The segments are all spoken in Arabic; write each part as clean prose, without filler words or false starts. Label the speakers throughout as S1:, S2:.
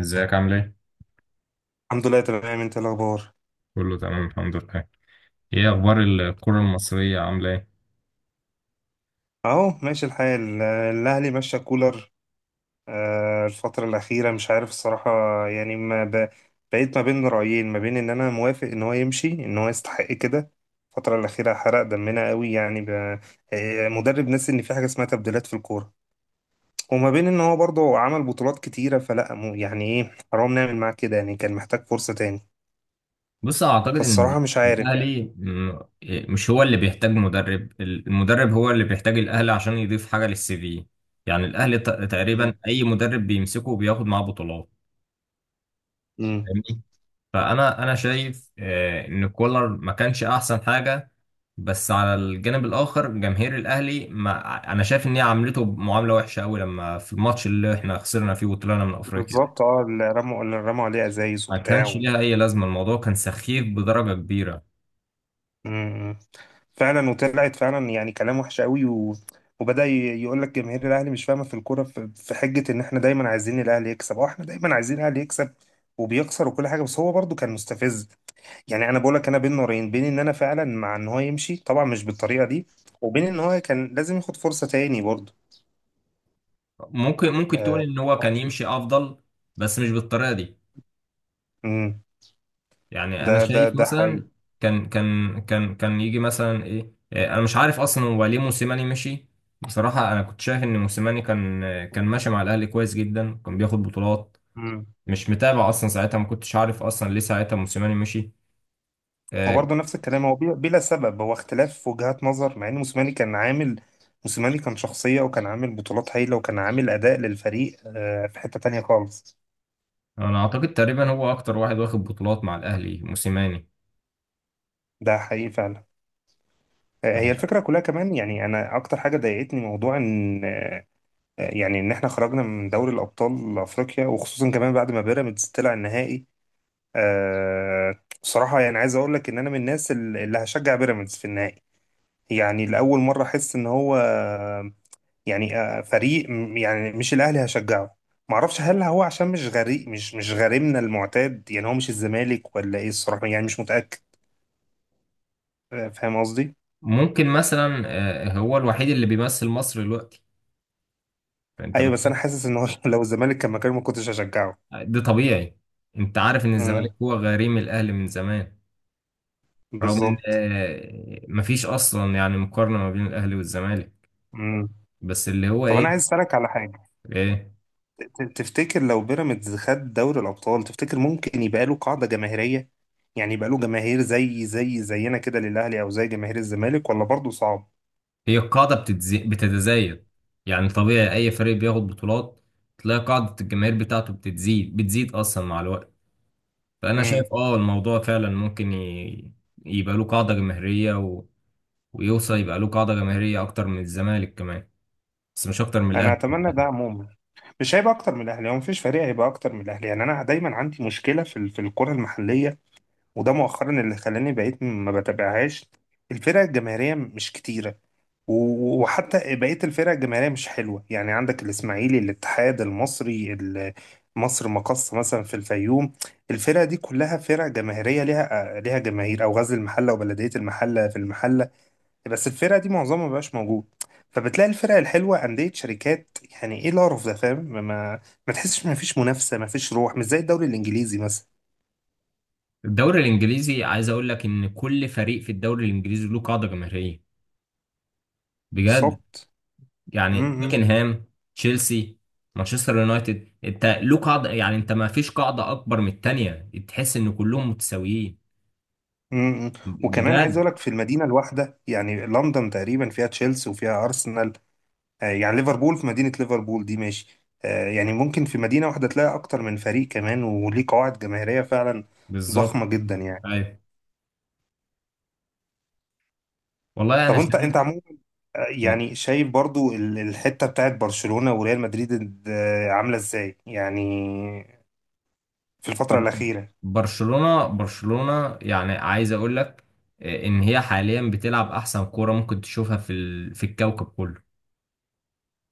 S1: ازيك عامل ايه؟
S2: الحمد لله، تمام. انت إيه الاخبار؟
S1: كله تمام الحمد لله. ايه اخبار الكرة المصرية عاملة ايه؟
S2: اهو ماشي الحال. الاهلي ماشي كولر. الفتره الاخيره مش عارف الصراحه. يعني ما ب... بقيت ما بين رايين، ما بين ان انا موافق ان هو يمشي، ان هو يستحق كده. الفتره الاخيره حرق دمنا قوي، يعني ب... آه، مدرب ناسي ان في حاجه اسمها تبديلات في الكوره. وما بين ان هو برضه عمل بطولات كتيره، يعني ايه، حرام نعمل معاه كده، يعني كان محتاج فرصه تاني.
S1: بص اعتقد ان
S2: فالصراحه مش عارف
S1: الاهلي
S2: يعني.
S1: م- مش هو اللي بيحتاج مدرب، المدرب هو اللي بيحتاج الاهلي عشان يضيف حاجه للسي في. يعني الاهلي تقريبا
S2: مم.
S1: اي مدرب بيمسكه بياخد معاه بطولات.
S2: مم.
S1: فاهمني. فانا شايف ان كولر ما كانش احسن حاجه. بس على الجانب الاخر جماهير الاهلي، ما انا شايف ان هي عاملته معامله وحشه قوي لما في الماتش اللي احنا خسرنا فيه وطلعنا من افريقيا.
S2: بالظبط، اه، اللي رموا عليه ازايز
S1: ما كانش
S2: وبتاع.
S1: ليها اي لازمه، الموضوع كان سخيف بدرجه كبيره.
S2: مم. فعلا، وطلعت فعلا يعني كلام وحش قوي. و... وبدأ يقول لك جماهير الاهلي مش فاهمه في الكوره، في حجه ان احنا دايما عايزين الاهلي يكسب، اه، احنا دايما عايزين الاهلي يكسب وبيخسر وكل حاجه، بس هو برضو كان مستفز. يعني انا بقول لك انا بين نارين، بين ان انا فعلا مع ان هو يمشي، طبعا مش بالطريقه دي، وبين ان هو كان لازم ياخد فرصه تاني برضو.
S1: ممكن تقول
S2: آه.
S1: ان هو كان يمشي افضل، بس مش بالطريقه دي.
S2: مم.
S1: يعني
S2: ده
S1: انا
S2: ده
S1: شايف
S2: ده حقيقي.
S1: مثلا كان يجي مثلا ايه إيه، انا مش عارف اصلا هو ليه موسيماني مشي. بصراحه انا كنت شايف ان موسيماني كان كان ماشي مع الاهلي كويس جدا، كان بياخد بطولات. مش متابع اصلا ساعتها، ما كنتش عارف اصلا ليه ساعتها موسيماني مشي.
S2: هو
S1: آه،
S2: برضه نفس الكلام، هو بلا سبب، هو اختلاف وجهات نظر، مع ان موسيماني كان عامل. موسيماني كان شخصية، وكان عامل بطولات هايلة، وكان عامل أداء للفريق في حتة تانية خالص.
S1: انا اعتقد تقريبا هو اكتر واحد واخد بطولات مع الاهلي موسيماني.
S2: ده حقيقي فعلا. هي الفكرة كلها كمان، يعني أنا أكتر حاجة ضايقتني موضوع إن يعني إن إحنا خرجنا من دوري الأبطال أفريقيا، وخصوصا كمان بعد ما بيراميدز طلع النهائي. بصراحة يعني عايز أقول لك إن أنا من الناس اللي هشجع بيراميدز في النهائي. يعني لأول مرة أحس إن هو، يعني فريق يعني مش الاهلي هشجعه. معرفش هل هو عشان مش غريب، مش غريمنا المعتاد، يعني هو مش الزمالك ولا ايه الصراحه، يعني مش متاكد. فاهم قصدي.
S1: ممكن مثلا هو الوحيد اللي بيمثل مصر دلوقتي، فانت
S2: ايوه، بس انا
S1: محتاج.
S2: حاسس ان هو لو الزمالك كان مكانه ما كنتش هشجعه.
S1: ده طبيعي، انت عارف ان
S2: امم.
S1: الزمالك هو غريم الاهلي من زمان. رغم ان
S2: بالظبط.
S1: مفيش اصلا يعني مقارنة ما بين الاهلي والزمالك،
S2: امم.
S1: بس اللي هو
S2: طب انا عايز
S1: ايه.
S2: اسالك على حاجه.
S1: ايه.
S2: تفتكر لو بيراميدز خد دوري الابطال، تفتكر ممكن يبقى له قاعده جماهيريه؟ يعني يبقى له جماهير زي زينا كده للاهلي، او زي جماهير الزمالك، ولا برضه صعب؟
S1: بتتزايد. يعني طبيعي اي فريق بياخد بطولات تلاقي قاعدة الجماهير بتاعته بتتزيد، بتزيد اصلا مع الوقت. فانا شايف
S2: امم.
S1: اه الموضوع فعلا يبقى له قاعدة جماهيرية، ويوصل يبقى له قاعدة جماهيرية أكتر من الزمالك كمان، بس مش أكتر من
S2: انا
S1: الأهلي.
S2: اتمنى ده عموما. مش هيبقى اكتر من الاهلي، هو مفيش فريق هيبقى اكتر من الاهلي. يعني انا دايما عندي مشكله في في الكره المحليه. وده مؤخرا اللي خلاني بقيت ما بتابعهاش. الفرق الجماهيريه مش كتيره. وحتى بقيه الفرق الجماهيريه مش حلوه، يعني عندك الاسماعيلي، الاتحاد المصري، مصر مقص مثلا في الفيوم. الفرق دي كلها فرق جماهيريه، ليها ليها جماهير، او غزل المحله وبلديه المحله في المحله. بس الفرق دي معظمها مبقاش موجود. فبتلاقي الفرق الحلوه انديه شركات، يعني ايه القرف ده، فاهم؟ ما تحسش، ما فيش منافسه، ما فيش روح، مش زي الدوري الانجليزي مثلا.
S1: الدوري الإنجليزي عايز أقول لك إن كل فريق في الدوري الإنجليزي له قاعدة جماهيرية، بجد.
S2: بالظبط.
S1: يعني
S2: امم. امم.
S1: توتنهام، تشيلسي، مانشستر يونايتد، أنت له قاعدة، يعني أنت ما فيش قاعدة أكبر من التانية، تحس إن كلهم متساويين،
S2: إمم، إمم. وكمان عايز
S1: بجد.
S2: اقول لك، في المدينه الواحده يعني لندن تقريبا فيها تشيلسي وفيها ارسنال. يعني ليفربول في مدينه ليفربول دي ماشي. يعني ممكن في مدينه واحده تلاقي اكتر من فريق كمان، وليه قواعد جماهيريه فعلا
S1: بالظبط.
S2: ضخمه جدا يعني.
S1: أيوه. والله
S2: طب
S1: أنا
S2: انت
S1: شايف.
S2: انت عموما، يعني شايف برضو الحتة بتاعت برشلونة وريال مدريد عاملة ازاي يعني في الفترة
S1: بر-
S2: الأخيرة.
S1: برشلونة يعني عايز اقول لك ان هي حاليا بتلعب احسن كورة ممكن تشوفها في الكوكب كله.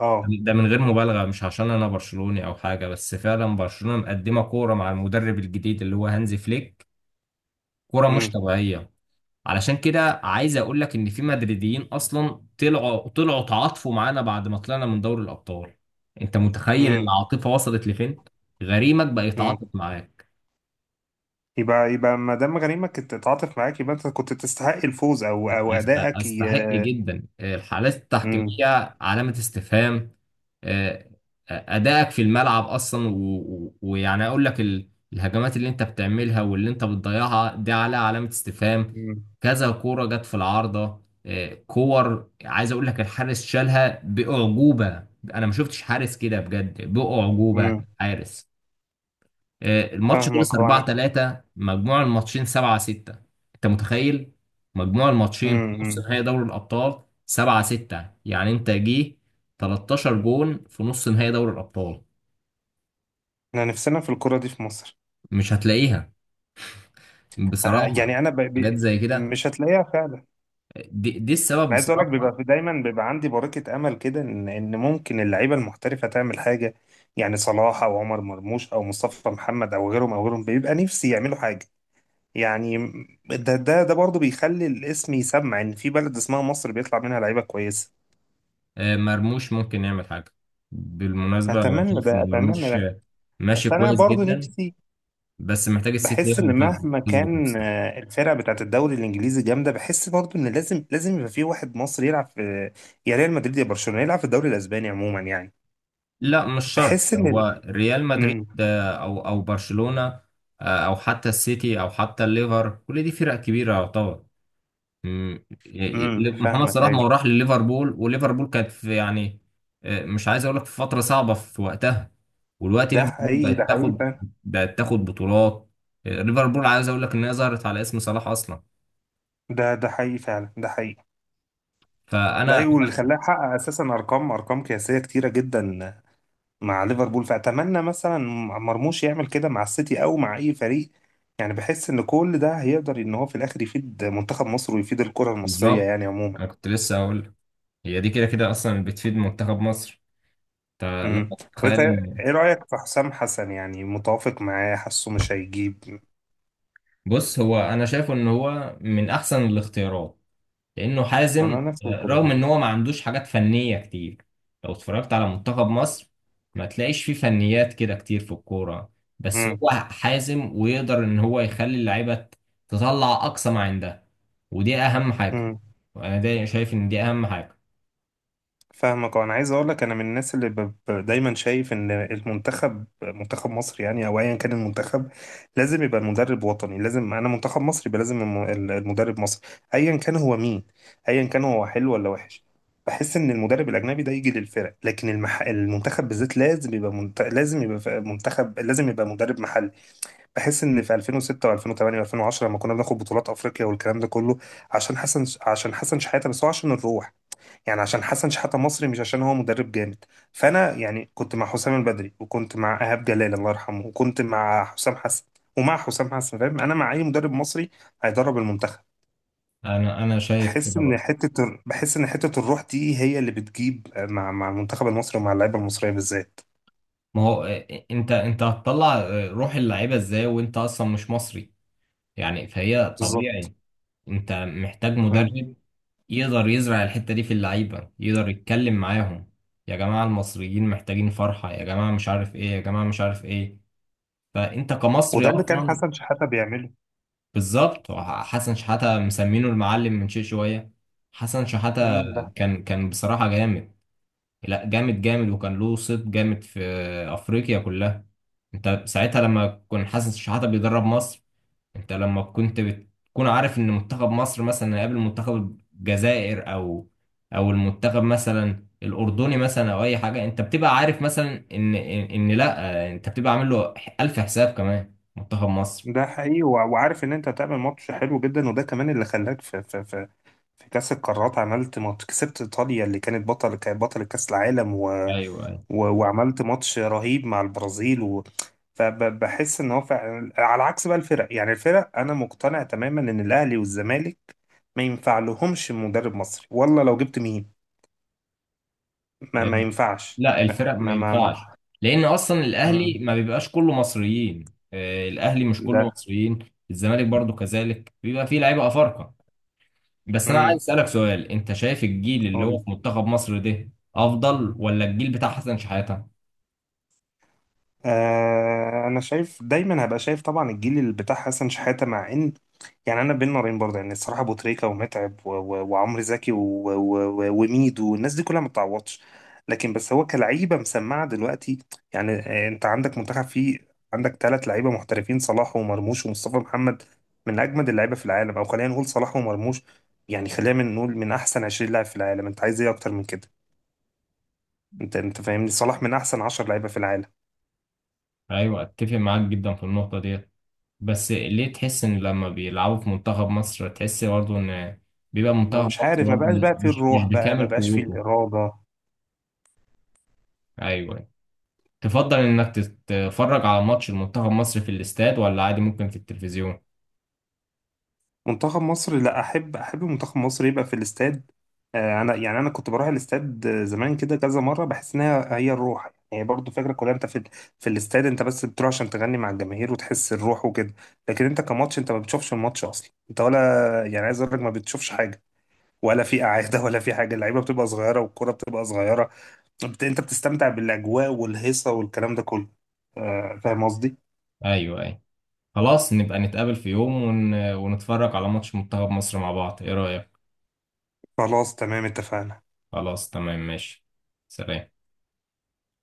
S2: اه.
S1: ده من غير مبالغة، مش عشان انا برشلوني او حاجة، بس فعلا برشلونة مقدمة كورة مع المدرب الجديد اللي هو هانزي فليك، كورة مش
S2: امم.
S1: طبيعية. علشان كده عايز اقول لك ان في مدريديين اصلا طلعوا تعاطفوا معانا بعد ما طلعنا من دوري الابطال. انت متخيل
S2: امم.
S1: العاطفة وصلت لفين؟ غريمك بقى
S2: امم.
S1: يتعاطف معاك.
S2: يبقى يبقى ما دام غريمك كنت تتعاطف معاك، يبقى انت كنت تستحق الفوز، او او ادائك.
S1: أستحق جدا، الحالات
S2: امم.
S1: التحكيمية علامة استفهام. آه، أدائك في الملعب أصلا، ويعني أقول لك الهجمات اللي أنت بتعملها واللي أنت بتضيعها دي عليها علامة استفهام.
S2: امم.
S1: كذا كورة جت في العارضة. كور، عايز أقول لك الحارس شالها بأعجوبة. أنا ما شفتش حارس كده بجد، بأعجوبة.
S2: امم.
S1: حارس. الماتش خلص
S2: فاهمك.
S1: 4
S2: انا.
S1: 3، مجموع الماتشين 7 6. انت متخيل مجموع الماتشين في
S2: امم.
S1: نص
S2: امم.
S1: نهائي دوري الابطال 7 6؟ يعني انت جه 13 جون في نص نهائي دوري الابطال،
S2: احنا نفسنا في الكرة دي في مصر.
S1: مش هتلاقيها. بصراحة،
S2: يعني انا.
S1: حاجات زي كده.
S2: مش هتلاقيها فعلا.
S1: دي السبب
S2: انا عايز اقول لك، بيبقى
S1: بصراحة.
S2: في دايما بيبقى عندي بركه امل كده، ان ان ممكن اللعيبه المحترفه تعمل حاجه. يعني صلاح او عمر مرموش او مصطفى محمد او غيرهم او غيرهم، بيبقى نفسي يعملوا حاجه يعني، ده برضه بيخلي الاسم يسمع ان في بلد اسمها مصر بيطلع منها لعيبه كويسه.
S1: مرموش ممكن يعمل حاجة. بالمناسبة انا
S2: اتمنى
S1: شايف
S2: ده،
S1: ان
S2: اتمنى
S1: مرموش
S2: ده.
S1: ماشي
S2: بس انا
S1: كويس
S2: برضه
S1: جدا،
S2: نفسي
S1: بس محتاج السيتي هي
S2: بحس
S1: اللي
S2: ان مهما
S1: تظبط
S2: كان
S1: نفسها.
S2: الفرقه بتاعت الدوري الانجليزي جامده، بحس برضه ان لازم يبقى في واحد مصري يلعب في، يا ريال مدريد يا برشلونه، يلعب في الدوري الاسباني عموما يعني.
S1: لا مش شرط
S2: بحس ان.
S1: هو ريال مدريد
S2: امم.
S1: او برشلونة. او حتى السيتي او حتى الليفر، كل دي فرق كبيرة يعتبر.
S2: امم.
S1: محمد
S2: فاهمك.
S1: صلاح ما هو
S2: ايوه،
S1: راح لليفربول، وليفربول كانت في يعني مش عايز اقول لك في فترة صعبة في وقتها، ودلوقتي
S2: ده
S1: ليفربول
S2: حقيقي، ده حقيقي فعلا.
S1: بقت تاخد بطولات. ليفربول عايز اقول لك ان هي ظهرت على اسم صلاح اصلا.
S2: ده حقيقي فعلا، ده حقيقي. ده
S1: فانا.
S2: حقيقي، واللي خلاه يحقق اساسا ارقام قياسيه كتيره جدا مع ليفربول. فاتمنى مثلا مرموش يعمل كده مع السيتي او مع اي فريق. يعني بحس ان كل ده هيقدر ان هو في الاخر يفيد منتخب مصر، ويفيد الكره المصريه يعني
S1: بالظبط.
S2: عموما.
S1: انا كنت لسه اقول هي دي كده كده اصلا بتفيد منتخب مصر، انت
S2: امم.
S1: لو
S2: طب انت
S1: تخيل.
S2: ايه رايك في حسام حسن؟ يعني متوافق معاه؟ حاسه مش هيجيب؟
S1: بص هو انا شايفه ان هو من احسن الاختيارات، لانه حازم.
S2: انا نفس
S1: رغم
S2: الكلام.
S1: ان هو ما عندوش حاجات فنيه كتير، لو اتفرجت على منتخب مصر ما تلاقيش فيه فنيات كده كتير في الكوره، بس هو حازم ويقدر ان هو يخلي اللعيبه تطلع اقصى ما عندها، ودي اهم حاجه.
S2: امم.
S1: انا ده شايف ان دي اهم حاجه.
S2: فاهمك. انا عايز اقول لك، انا من الناس اللي دايما شايف ان المنتخب منتخب مصر، يعني او ايا كان المنتخب، لازم يبقى المدرب وطني. لازم انا منتخب مصر يبقى لازم المدرب مصري، ايا كان هو مين، ايا كان هو حلو ولا وحش. بحس ان المدرب الاجنبي ده يجي للفرق، لكن المنتخب بالذات لازم يبقى منتخب لازم يبقى مدرب محلي. بحس ان في 2006 و2008 و2010 لما كنا بناخد بطولات افريقيا والكلام ده كله، عشان حسن شحاته، بس هو عشان الروح. يعني عشان حسن شحاتة مصري، مش عشان هو مدرب جامد. فانا يعني كنت مع حسام البدري، وكنت مع ايهاب جلال الله يرحمه، وكنت مع حسام حسن، ومع حسام حسن فاهم، انا مع اي مدرب مصري هيدرب المنتخب.
S1: انا شايف كده برضه.
S2: بحس ان حته الروح دي هي اللي بتجيب مع مع المنتخب المصري ومع اللعيبه المصريه بالذات.
S1: ما هو إيه، انت انت هتطلع روح اللعيبه ازاي وانت اصلا مش مصري؟ يعني فهي
S2: بالظبط.
S1: طبيعي. انت محتاج
S2: مم.
S1: مدرب يقدر يزرع الحتة دي في اللعيبة، يقدر يتكلم معاهم، يا جماعة المصريين محتاجين فرحة، يا جماعة مش عارف ايه، يا جماعة مش عارف ايه. فانت كمصري
S2: وده اللي كان
S1: اصلا.
S2: حسن شحاتة بيعمله.
S1: بالظبط. حسن شحاتة مسمينه المعلم من شيء شوية. حسن شحاتة
S2: مم. ده
S1: كان كان بصراحة جامد، لا جامد جامد، وكان له صيت جامد في افريقيا كلها. انت ساعتها لما كان حسن شحاتة بيدرب مصر، انت لما كنت بتكون عارف ان منتخب مصر مثلا هيقابل منتخب الجزائر او او المنتخب مثلا الاردني مثلا او اي حاجه، انت بتبقى عارف مثلا ان ان إن لا، انت بتبقى عامل له الف حساب كمان منتخب مصر.
S2: ده حقيقي، وعارف ان انت هتعمل ماتش حلو جدا، وده كمان اللي خلاك في كأس القارات. عملت ماتش، كسبت إيطاليا اللي كانت بطل كأس العالم. و...
S1: ايوه ايوه.
S2: و... وعملت ماتش رهيب مع البرازيل. و... فبحس ان هو فعلا على عكس بقى الفرق، يعني الفرق انا مقتنع تماما ان الاهلي والزمالك ما ينفع لهمش مدرب مصري، والله لو جبت مين ما ينفعش.
S1: لا الفرق ما
S2: ما ما
S1: ينفعش،
S2: ما
S1: لان اصلا
S2: مم.
S1: الاهلي ما بيبقاش كله مصريين، الاهلي مش كله
S2: ده.
S1: مصريين، الزمالك برضو كذلك بيبقى فيه لعيبه افارقه. بس انا عايز
S2: امم.
S1: اسالك سؤال، انت شايف الجيل اللي هو في منتخب مصر ده افضل ولا الجيل بتاع حسن شحاته؟
S2: آه، انا شايف دايما، هبقى شايف طبعا الجيل اللي بتاع حسن شحاته، مع ان، يعني انا بين نارين برضه يعني الصراحه، ابو تريكه ومتعب وعمرو زكي وميدو والناس دي كلها ما بتعوضش. لكن بس هو كلعيبه مسمعه دلوقتي، يعني انت عندك منتخب فيه، عندك ثلاث لعيبه محترفين، صلاح ومرموش ومصطفى محمد، من اجمد اللعيبه في العالم. او خلينا نقول صلاح ومرموش، يعني خلينا من نقول من احسن 20 لاعب في العالم. انت عايز ايه اكتر من كده؟ انت انت فاهمني، صلاح من احسن 10 لعيبه في العالم.
S1: ايوه اتفق معاك جدا في النقطه ديت، بس ليه تحس ان لما بيلعبوا في منتخب مصر تحس برضه ان بيبقى
S2: ما
S1: منتخب
S2: مش
S1: مصر
S2: عارف، ما
S1: برضه
S2: بقاش بقى فيه
S1: مش
S2: الروح بقى، ما
S1: بكامل
S2: بقاش فيه
S1: قوته؟
S2: الإرادة.
S1: ايوه. تفضل انك تتفرج على ماتش المنتخب مصر في الاستاد ولا عادي ممكن في التلفزيون؟
S2: منتخب مصر، لا، أحب أحب منتخب مصر يبقى في الاستاد. أنا يعني أنا كنت بروح الاستاد زمان كده كذا مرة، بحس إنها هي الروح يعني. هي برضو فكرة كلها، أنت في في الاستاد أنت بس بتروح عشان تغني مع الجماهير وتحس الروح وكده. لكن أنت كماتش، أنت ما بتشوفش الماتش أصلا، أنت ولا، يعني عايز أقول لك ما بتشوفش حاجة. ولا في قعادة ولا في حاجة، اللعيبة بتبقى صغيرة والكرة بتبقى صغيرة. أنت بتستمتع بالأجواء والهيصة والكلام ده كله. فاهم قصدي؟
S1: ايوه ايوه. خلاص نبقى نتقابل في يوم ونتفرج على ماتش منتخب مصر مع بعض، ايه رايك؟
S2: خلاص، تمام، اتفقنا.
S1: خلاص تمام ماشي، سلام.